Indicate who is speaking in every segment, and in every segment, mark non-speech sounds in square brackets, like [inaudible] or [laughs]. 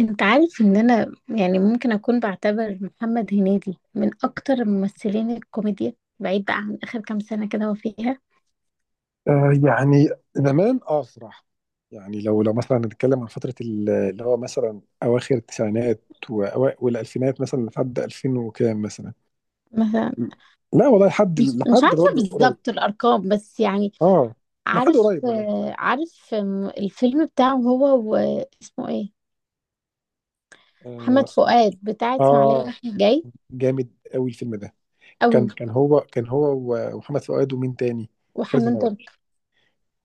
Speaker 1: انت عارف ان انا يعني ممكن اكون بعتبر محمد هنيدي من اكتر ممثلين الكوميديا، بعيد بقى عن اخر كام سنة كده هو فيها.
Speaker 2: آه يعني زمان أسرع. يعني لو مثلا نتكلم عن فترة اللي هو مثلا أواخر التسعينات والألفينات مثلا لحد 2000 وكام مثلا.
Speaker 1: مثلا.
Speaker 2: م. لا والله لحد
Speaker 1: مش
Speaker 2: لحد
Speaker 1: عارفة
Speaker 2: برضه قريب.
Speaker 1: بالظبط الارقام بس يعني.
Speaker 2: اه لحد
Speaker 1: عارف
Speaker 2: قريب والله.
Speaker 1: آه، عارف آم، الفيلم بتاعه هو واسمه ايه؟
Speaker 2: اه,
Speaker 1: محمد فؤاد بتاع اسماعيلية
Speaker 2: آه.
Speaker 1: رايح جاي.
Speaker 2: جامد قوي الفيلم ده.
Speaker 1: قوي.
Speaker 2: كان هو ومحمد فؤاد ومين تاني؟ خالد
Speaker 1: وحنان ترك.
Speaker 2: النبوي.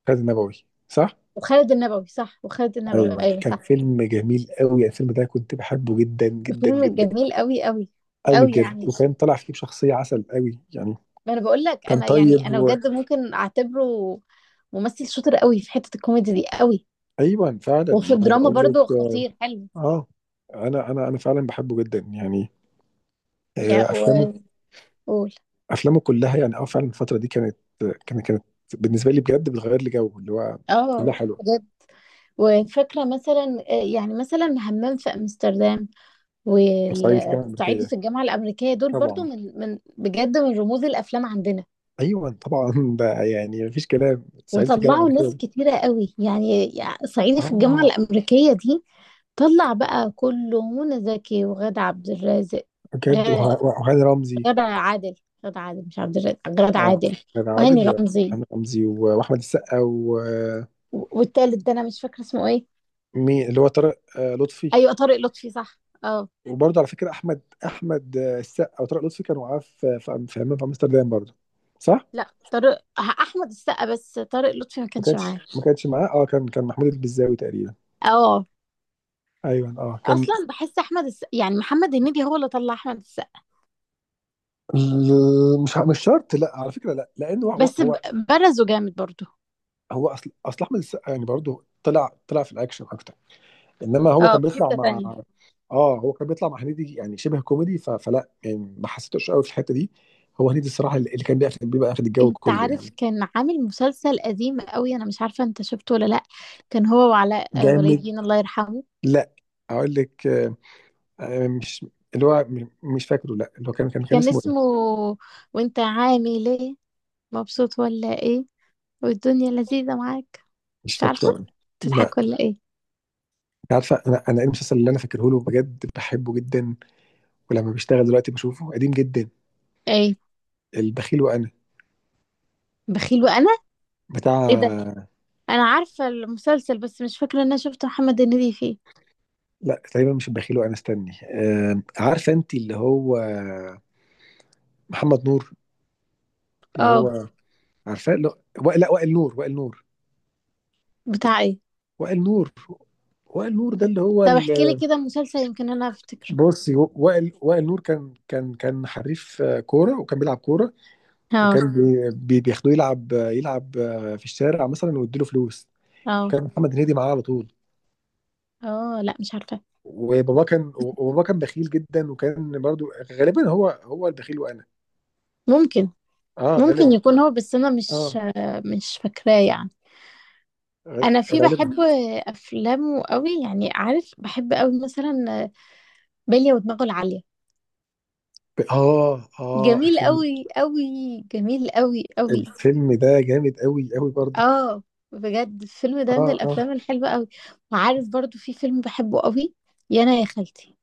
Speaker 2: خالد النبوي صح.
Speaker 1: وخالد النبوي صح، وخالد النبوي
Speaker 2: ايوه،
Speaker 1: ايوه
Speaker 2: كان
Speaker 1: صح.
Speaker 2: فيلم جميل قوي الفيلم ده، كنت بحبه جدا جدا
Speaker 1: الفيلم
Speaker 2: جدا.
Speaker 1: جميل قوي قوي.
Speaker 2: قوي
Speaker 1: قوي
Speaker 2: بجد،
Speaker 1: يعني.
Speaker 2: وكان طالع فيه بشخصية عسل قوي يعني.
Speaker 1: ما انا بقول لك،
Speaker 2: كان
Speaker 1: انا يعني
Speaker 2: طيب
Speaker 1: انا بجد ممكن اعتبره ممثل شاطر قوي في حتة الكوميدي دي قوي.
Speaker 2: ايوه فعلا،
Speaker 1: وفي
Speaker 2: ما انا
Speaker 1: الدراما
Speaker 2: بقول
Speaker 1: برضو
Speaker 2: لك. اه،
Speaker 1: خطير حلو.
Speaker 2: آه، انا فعلا بحبه جدا يعني. افلامه،
Speaker 1: يعني. وقول.
Speaker 2: افلامه كلها يعني. اه فعلا الفترة دي كانت، كانت بالنسبة لي بجد بتغير لي جو اللي هو كلها
Speaker 1: اه
Speaker 2: حلوة.
Speaker 1: بجد. وفاكرة مثلا، يعني مثلا همام في أمستردام
Speaker 2: صعيدي في الجامعة
Speaker 1: والصعيدي
Speaker 2: الأمريكية.
Speaker 1: في الجامعة الأمريكية. دول برضو
Speaker 2: طبعا.
Speaker 1: من بجد من رموز الأفلام عندنا.
Speaker 2: ايوه طبعا [laughs] ده يعني مفيش كلام، صعيدي في الجامعة
Speaker 1: وطلعوا ناس
Speaker 2: الأمريكية.
Speaker 1: كتيرة قوي يعني صعيدي في الجامعة
Speaker 2: اه
Speaker 1: الأمريكية دي طلع بقى كله منى زكي وغادة عبد الرازق.
Speaker 2: بجد
Speaker 1: غ-
Speaker 2: وهاني رمزي.
Speaker 1: غادة عادل. غادة عادل مش عبد الرازق، غادة
Speaker 2: اه،
Speaker 1: عادل.
Speaker 2: كان عادل
Speaker 1: وهاني رمزي.
Speaker 2: وهاني رمزي واحمد السقا.
Speaker 1: والتالت ده انا مش فاكره اسمه ايه.
Speaker 2: مين اللي هو طارق، لطفي.
Speaker 1: ايوه طارق لطفي صح. اه.
Speaker 2: وبرضه على فكره احمد السقا وطارق لطفي كانوا معاه في عمان، في امستردام برضه، صح؟
Speaker 1: لا، طارق احمد السقا بس، طارق لطفي ما
Speaker 2: ما
Speaker 1: كانش معاه.
Speaker 2: كانش ما كانش معاه. اه، كان، كان محمود البزاوي تقريبا.
Speaker 1: اه.
Speaker 2: ايوه اه كان.
Speaker 1: اصلا بحس احمد السقا يعني محمد هنيدي هو اللي طلع احمد السقا،
Speaker 2: مش شرط، لا على فكره، لا لانه هو
Speaker 1: بس
Speaker 2: هو
Speaker 1: برزه جامد برضه.
Speaker 2: هو، اصل احمد السقا يعني برضه، طلع في الاكشن اكتر. انما هو
Speaker 1: اه،
Speaker 2: كان
Speaker 1: في
Speaker 2: بيطلع
Speaker 1: حتة
Speaker 2: مع،
Speaker 1: تانية.
Speaker 2: اه هو كان بيطلع مع هنيدي، يعني شبه كوميدي فلا يعني، ما حسيتوش قوي في الحته دي. هو هنيدي الصراحه اللي كان بياخد، بيبقى اخد الجو
Speaker 1: انت
Speaker 2: كله يعني.
Speaker 1: عارف، كان عامل مسلسل قديم قوي، انا مش عارفه انت شفته ولا لا. كان هو وعلاء ولي
Speaker 2: جامد.
Speaker 1: الدين الله يرحمه.
Speaker 2: لا، اقول لك، مش، اللي هو مش فاكره، لا اللي هو كان
Speaker 1: كان
Speaker 2: اسمه ايه.
Speaker 1: اسمه، وانت عامل ايه، مبسوط ولا ايه، والدنيا لذيذه معاك.
Speaker 2: مش
Speaker 1: مش عارفه.
Speaker 2: فاكره أنا. لا.
Speaker 1: تضحك ولا ايه.
Speaker 2: أنت عارفه انا، ايه المسلسل اللي انا فاكره له بجد، بحبه جدا. ولما بشتغل دلوقتي بشوفه قديم جدا.
Speaker 1: اي.
Speaker 2: البخيل وانا.
Speaker 1: بخيل وانا. ايه ده.
Speaker 2: بتاع،
Speaker 1: انا عارفه المسلسل بس مش فاكره ان انا شفت محمد هنيدي فيه.
Speaker 2: لا تقريبا مش البخيل وانا، استني، عارفه انت اللي هو محمد نور، اللي
Speaker 1: اه.
Speaker 2: هو، عارفاه؟ لا، وائل نور، وائل نور.
Speaker 1: بتاع ايه؟
Speaker 2: وائل نور. وائل نور ده اللي هو
Speaker 1: طب احكي لي كده مسلسل يمكن انا افتكره.
Speaker 2: بصي، وائل نور كان حريف كوره، وكان بيلعب كوره.
Speaker 1: اه
Speaker 2: وكان بياخدوه يلعب، يلعب في الشارع مثلا، ويديله فلوس.
Speaker 1: اه
Speaker 2: وكان محمد هنيدي معاه على طول.
Speaker 1: اه، لا مش عارفه.
Speaker 2: وبابا كان بخيل جدا، وكان برضو غالبا هو، هو البخيل وانا.
Speaker 1: ممكن
Speaker 2: اه
Speaker 1: ممكن
Speaker 2: غالبا.
Speaker 1: يكون هو، بس انا مش
Speaker 2: اه
Speaker 1: مش فاكراه يعني.
Speaker 2: غ-
Speaker 1: انا في
Speaker 2: غالبا.
Speaker 1: بحب افلامه قوي، يعني عارف بحب قوي مثلا، بلية ودماغه العاليه.
Speaker 2: اه اه
Speaker 1: جميل
Speaker 2: الفيلم.
Speaker 1: قوي قوي. جميل قوي قوي.
Speaker 2: الفيلم ده جامد قوي قوي برضو.
Speaker 1: اه بجد، الفيلم ده
Speaker 2: اه
Speaker 1: من
Speaker 2: اه.
Speaker 1: الافلام الحلوه قوي. وعارف برضو في فيلم بحبه قوي، يا انا يا خالتي.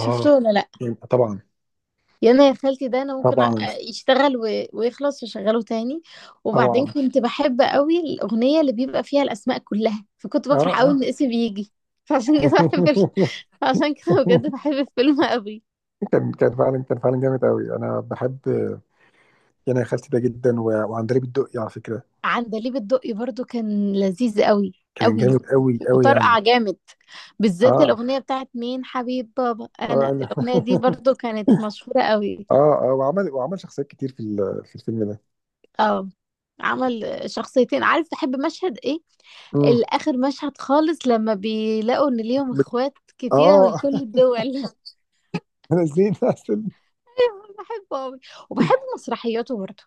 Speaker 1: شفته ولا لا؟
Speaker 2: يعني طبعا.
Speaker 1: يا انا يا خالتي، ده انا ممكن
Speaker 2: طبعا
Speaker 1: يشتغل ويخلص وشغله تاني. وبعدين
Speaker 2: طبعا.
Speaker 1: كنت بحب قوي الاغنيه اللي بيبقى فيها الاسماء كلها، فكنت
Speaker 2: اه
Speaker 1: بفرح قوي
Speaker 2: اه.
Speaker 1: ان اسمي بيجي. فعشان كده بحب
Speaker 2: [laughs]
Speaker 1: [laughs] عشان كده بجد بحب الفيلم قوي.
Speaker 2: كان فعلا جامد قوي، انا بحب يعني يا خالتي ده جدا، وعندليب الدقي على فكره.
Speaker 1: عندليب الدقي برضو كان لذيذ قوي.
Speaker 2: كان
Speaker 1: قوي.
Speaker 2: جامد قوي قوي يعني.
Speaker 1: وطرقع جامد. بالذات
Speaker 2: اه
Speaker 1: الأغنية بتاعت مين حبيب بابا
Speaker 2: اه.
Speaker 1: أنا،
Speaker 2: انا،
Speaker 1: الأغنية دي برضو كانت مشهورة قوي.
Speaker 2: [laughs] اه اه، وعمل شخصيات كتير في في الفيلم ده.
Speaker 1: اه. عمل شخصيتين. عارف تحب مشهد ايه؟
Speaker 2: امم
Speaker 1: الآخر، مشهد خالص لما بيلاقوا ان ليهم اخوات كتيرة من
Speaker 2: اه.
Speaker 1: كل الدول. [laughs]
Speaker 2: [laughs] نازلين اصلا.
Speaker 1: أيوة، بحبه قوي. وبحب مسرحياته برضو.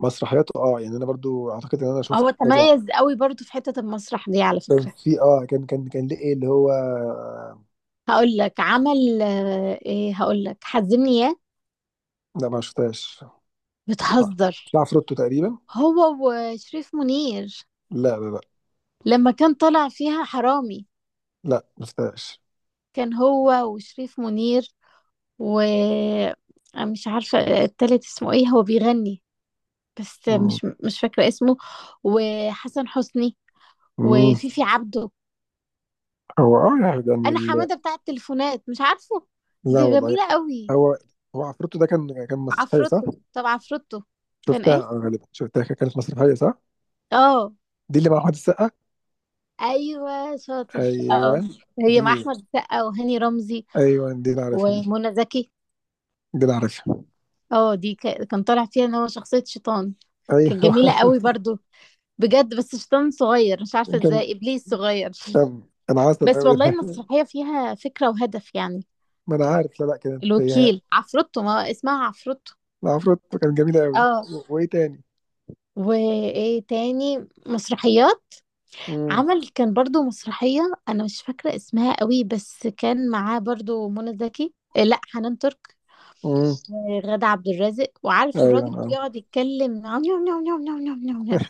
Speaker 2: مسرحياته، اه يعني انا برضو اعتقد ان انا شفت
Speaker 1: هو
Speaker 2: كذا.
Speaker 1: تميز قوي برضو في حتة المسرح دي على
Speaker 2: كان
Speaker 1: فكرة.
Speaker 2: في اه، كان ليه ايه اللي هو.
Speaker 1: هقول لك عمل ايه، هقول لك حزمني ياه.
Speaker 2: لا ما شفتهاش. آه.
Speaker 1: بتهزر.
Speaker 2: في عفروتو تقريبا.
Speaker 1: هو وشريف منير،
Speaker 2: لا،
Speaker 1: لما كان طالع فيها حرامي.
Speaker 2: لا ما شفتهاش.
Speaker 1: كان هو وشريف منير و، مش عارفة التالت اسمه ايه، هو بيغني بس
Speaker 2: مم.
Speaker 1: مش فاكرة اسمه. وحسن حسني.
Speaker 2: مم.
Speaker 1: وفيفي عبده.
Speaker 2: هو اه يعني
Speaker 1: انا حمادة بتاع التليفونات، مش عارفه.
Speaker 2: لا
Speaker 1: دي
Speaker 2: والله.
Speaker 1: جميلة قوي.
Speaker 2: هو هو عفروتو ده كان، كان مسرحيه صح؟
Speaker 1: عفروتو. طب عفروتو كان
Speaker 2: شفتها،
Speaker 1: ايه.
Speaker 2: غالبا شفتها، كانت مسرحيه صح؟
Speaker 1: اه
Speaker 2: دي اللي مع احمد السقا.
Speaker 1: ايوه شاطر.
Speaker 2: ايوه.
Speaker 1: اه. هي
Speaker 2: دي،
Speaker 1: مع احمد السقا وهاني رمزي
Speaker 2: ايوه دي اللي عارفها دي.
Speaker 1: ومنى زكي.
Speaker 2: دي اللي عارفها.
Speaker 1: اه، دي كان طالع فيها ان هو شخصية شيطان. كانت
Speaker 2: ايوه.
Speaker 1: جميلة قوي برضو، بجد، بس شيطان صغير مش عارفة
Speaker 2: [laughs] كان.
Speaker 1: ازاي، ابليس صغير.
Speaker 2: طب. انا عسل
Speaker 1: بس
Speaker 2: قوي
Speaker 1: والله
Speaker 2: ده.
Speaker 1: المسرحية فيها فكرة وهدف يعني.
Speaker 2: ما انا عارف. لا لا كانت هي
Speaker 1: الوكيل عفروتو، ما هو اسمها عفروتو.
Speaker 2: العفروت، كانت جميله قوي،
Speaker 1: اه.
Speaker 2: وايه تاني؟
Speaker 1: وايه تاني مسرحيات.
Speaker 2: امم
Speaker 1: عمل كان برضو مسرحية، انا مش فاكرة اسمها قوي، بس كان معاه برضو منى زكي، لا حنان ترك
Speaker 2: امم
Speaker 1: وغادة عبد الرازق. وعارف الراجل
Speaker 2: ايوه
Speaker 1: اللي
Speaker 2: نعم.
Speaker 1: بيقعد يتكلم نعم نعم نعم نعم نعم نعم نعم،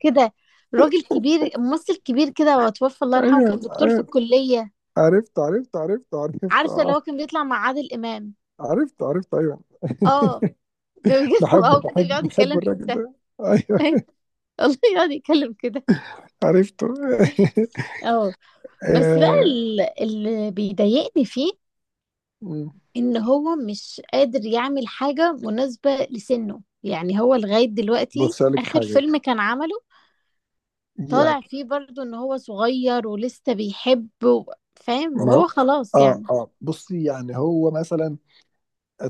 Speaker 1: كده، راجل كبير، ممثل كبير كده، وتوفى الله يرحمه،
Speaker 2: ايوه
Speaker 1: كان دكتور في
Speaker 2: ايوه.
Speaker 1: الكلية.
Speaker 2: عرفت
Speaker 1: عارفة اللي
Speaker 2: اه.
Speaker 1: هو كان بيطلع مع عادل إمام.
Speaker 2: عرفت ايوه.
Speaker 1: اه. كان
Speaker 2: [laughs]
Speaker 1: بيجي [laughs]
Speaker 2: بحبه
Speaker 1: هو كده بيقعد
Speaker 2: بحبه بحبه
Speaker 1: يتكلم
Speaker 2: الراجل
Speaker 1: كده.
Speaker 2: ده.
Speaker 1: [laughs]
Speaker 2: ايوه.
Speaker 1: فاهم؟ والله يقعد يتكلم كده.
Speaker 2: عرفته. [laughs]
Speaker 1: اه. بس بقى
Speaker 2: آه،
Speaker 1: اللي بيضايقني فيه
Speaker 2: مم.
Speaker 1: ان هو مش قادر يعمل حاجة مناسبة لسنه، يعني هو لغاية دلوقتي
Speaker 2: بص أقول لك
Speaker 1: آخر
Speaker 2: حاجه
Speaker 1: فيلم كان عمله طالع
Speaker 2: يعني.
Speaker 1: فيه برضو ان هو صغير ولسه بيحب فاهم،
Speaker 2: ما هو-
Speaker 1: وهو خلاص
Speaker 2: اه
Speaker 1: يعني.
Speaker 2: اه بصي، يعني هو مثلا.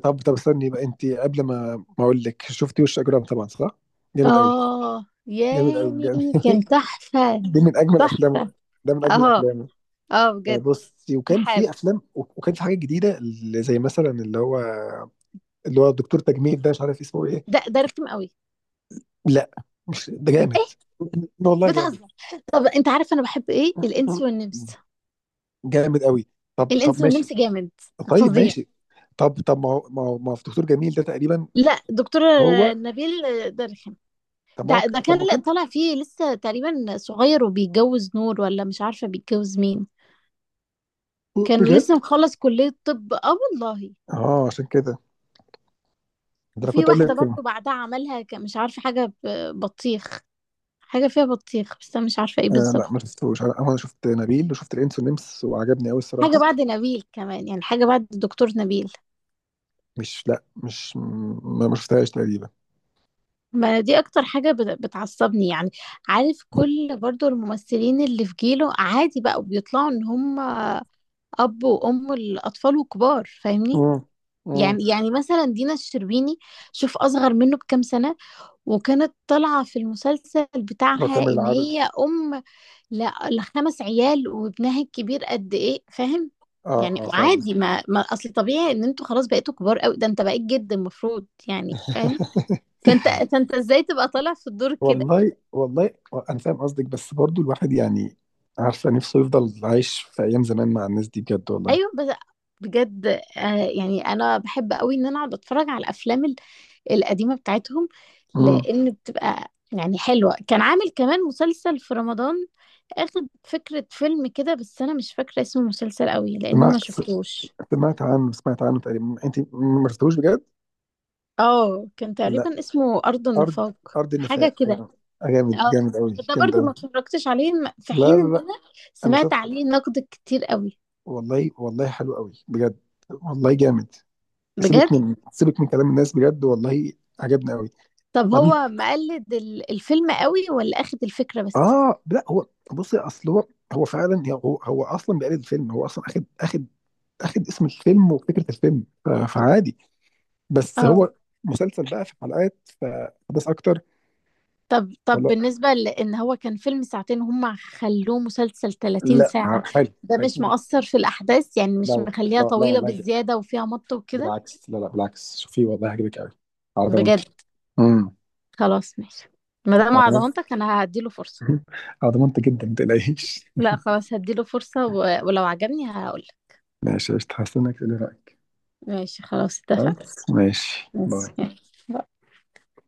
Speaker 2: طب طب استني بقى، انت قبل ما اقول لك، شفتي وش اجرام؟ طبعا صح؟ جامد قوي.
Speaker 1: اه
Speaker 2: جامد قوي
Speaker 1: يامي.
Speaker 2: بجد.
Speaker 1: كان
Speaker 2: [laughs]
Speaker 1: تحفة.
Speaker 2: دي من اجمل افلامه.
Speaker 1: تحفة.
Speaker 2: ده من اجمل
Speaker 1: اه
Speaker 2: افلامه.
Speaker 1: اه بجد.
Speaker 2: بصي، وكان
Speaker 1: رحاب.
Speaker 2: في افلام، وكان في حاجات جديده اللي زي مثلا اللي هو، اللي هو الدكتور تجميل ده مش عارف اسمه ايه.
Speaker 1: ده رخم قوي.
Speaker 2: لا مش ده
Speaker 1: ايه.
Speaker 2: جامد. والله جامد.
Speaker 1: بتهزر. طب انت عارف انا بحب ايه؟ الانس والنمس.
Speaker 2: جامد قوي. طب طب
Speaker 1: الانس
Speaker 2: ماشي.
Speaker 1: والنمس جامد.
Speaker 2: طيب
Speaker 1: فظيع.
Speaker 2: ماشي. طب طب ما هو في دكتور جميل ده تقريبا.
Speaker 1: لا، دكتور
Speaker 2: هو.
Speaker 1: نبيل. ده رخم.
Speaker 2: طب ما هو.
Speaker 1: ده
Speaker 2: طب ما هو
Speaker 1: كان
Speaker 2: كان،
Speaker 1: طالع فيه لسه تقريبا صغير وبيتجوز نور ولا مش عارفة بيتجوز مين. كان
Speaker 2: بجد.
Speaker 1: لسه مخلص كلية طب اه والله.
Speaker 2: اه عشان كده ده انا
Speaker 1: وفي
Speaker 2: كنت اقول لك.
Speaker 1: واحدة برضو بعدها عملها مش عارفة، حاجة بطيخ، حاجة فيها بطيخ بس أنا مش عارفة ايه
Speaker 2: آه لا ما
Speaker 1: بالظبط.
Speaker 2: شفتوش. انا، أنا شفت نبيل وشفت الانس والنمس، وعجبني قوي
Speaker 1: حاجة
Speaker 2: الصراحه.
Speaker 1: بعد نبيل كمان، يعني حاجة بعد الدكتور نبيل.
Speaker 2: مش لا مش ما ما شفتهاش تقريبا.
Speaker 1: ما دي أكتر حاجة بتعصبني يعني. عارف كل برضو الممثلين اللي في جيله عادي بقى بيطلعوا إن هم أب وأم الأطفال وكبار، فاهمني؟
Speaker 2: امم امم
Speaker 1: يعني مثلا دينا الشربيني شوف أصغر منه بكام سنة، وكانت طالعة في المسلسل بتاعها
Speaker 2: رقم
Speaker 1: إن
Speaker 2: العدد.
Speaker 1: هي أم لا ال5 عيال، وابنها الكبير قد ايه، فاهم؟
Speaker 2: اه
Speaker 1: يعني
Speaker 2: اه فعلا.
Speaker 1: وعادي، ما اصل طبيعي ان انتوا خلاص بقيتوا كبار قوي، ده انت بقيت جد المفروض يعني، فاهم؟
Speaker 2: [laughs]
Speaker 1: فانت ازاي تبقى طالع في الدور كده.
Speaker 2: والله والله، انا فاهم قصدك بس برضو الواحد يعني، عارفه نفسه يفضل عايش في ايام زمان مع الناس دي بجد والله.
Speaker 1: ايوه بس. بجد آه. يعني انا بحب قوي ان انا اقعد اتفرج على الافلام القديمه بتاعتهم،
Speaker 2: امم
Speaker 1: لان بتبقى يعني حلوه. كان عامل كمان مسلسل في رمضان، اخد فكره فيلم كده، بس انا مش فاكره اسم المسلسل قوي لان انا ما
Speaker 2: سمعت،
Speaker 1: شفتوش.
Speaker 2: سمعت عنه، سمعت عنه تقريبا، انت ما شفتوش بجد؟
Speaker 1: اه كان
Speaker 2: لا.
Speaker 1: تقريبا اسمه أرض
Speaker 2: ارض،
Speaker 1: النفاق،
Speaker 2: ارض
Speaker 1: حاجة
Speaker 2: النفاق
Speaker 1: كده.
Speaker 2: ايوه. جامد
Speaker 1: اه،
Speaker 2: جامد قوي،
Speaker 1: انا ده
Speaker 2: جامد
Speaker 1: برضو ما
Speaker 2: قوي.
Speaker 1: اتفرجتش عليه في
Speaker 2: لا
Speaker 1: حين
Speaker 2: لا
Speaker 1: ان
Speaker 2: لا
Speaker 1: انا
Speaker 2: انا
Speaker 1: سمعت
Speaker 2: شفت.
Speaker 1: عليه نقد كتير قوي.
Speaker 2: والله والله حلو قوي بجد. والله جامد. سيبك
Speaker 1: بجد.
Speaker 2: من سيبك من كلام الناس بجد والله. عجبني قوي.
Speaker 1: طب
Speaker 2: وبعدين،
Speaker 1: هو مقلد الفيلم قوي ولا اخد الفكرة بس.
Speaker 2: اه لا هو، بص اصل هو، هو فعلا هو، هو اصلا بيقلد الفيلم. هو اصلا اخد، اخد اسم الفيلم وفكره الفيلم، فعادي. بس
Speaker 1: اه.
Speaker 2: هو مسلسل بقى في حلقات، فبس اكتر.
Speaker 1: طب
Speaker 2: فلا،
Speaker 1: بالنسبة لان هو كان فيلم 2 ساعة، هم خلوه مسلسل 30
Speaker 2: لا ع-
Speaker 1: ساعة،
Speaker 2: حلو.
Speaker 1: ده مش
Speaker 2: حلو.
Speaker 1: مؤثر في الاحداث يعني؟ مش
Speaker 2: لا
Speaker 1: مخليها
Speaker 2: لا
Speaker 1: طويلة
Speaker 2: والله جامد.
Speaker 1: بالزيادة وفيها مط وكده.
Speaker 2: بالعكس، لا لا بالعكس شوفيه والله هيعجبك قوي، على
Speaker 1: بجد.
Speaker 2: ضمانتي. امم
Speaker 1: خلاص ماشي، ما دام
Speaker 2: على ضمانتي.
Speaker 1: عضمانتك انا هديله فرصة.
Speaker 2: [laughs] على ضمانتي جدا ما تقلقيش.
Speaker 1: لا خلاص، هديله فرصة ولو عجبني هقولك.
Speaker 2: ماشي قشطة، هستناك تقولي رأيك.
Speaker 1: ماشي خلاص اتفقنا.
Speaker 2: خلاص ماشي،
Speaker 1: ماشي
Speaker 2: باي.
Speaker 1: يلا.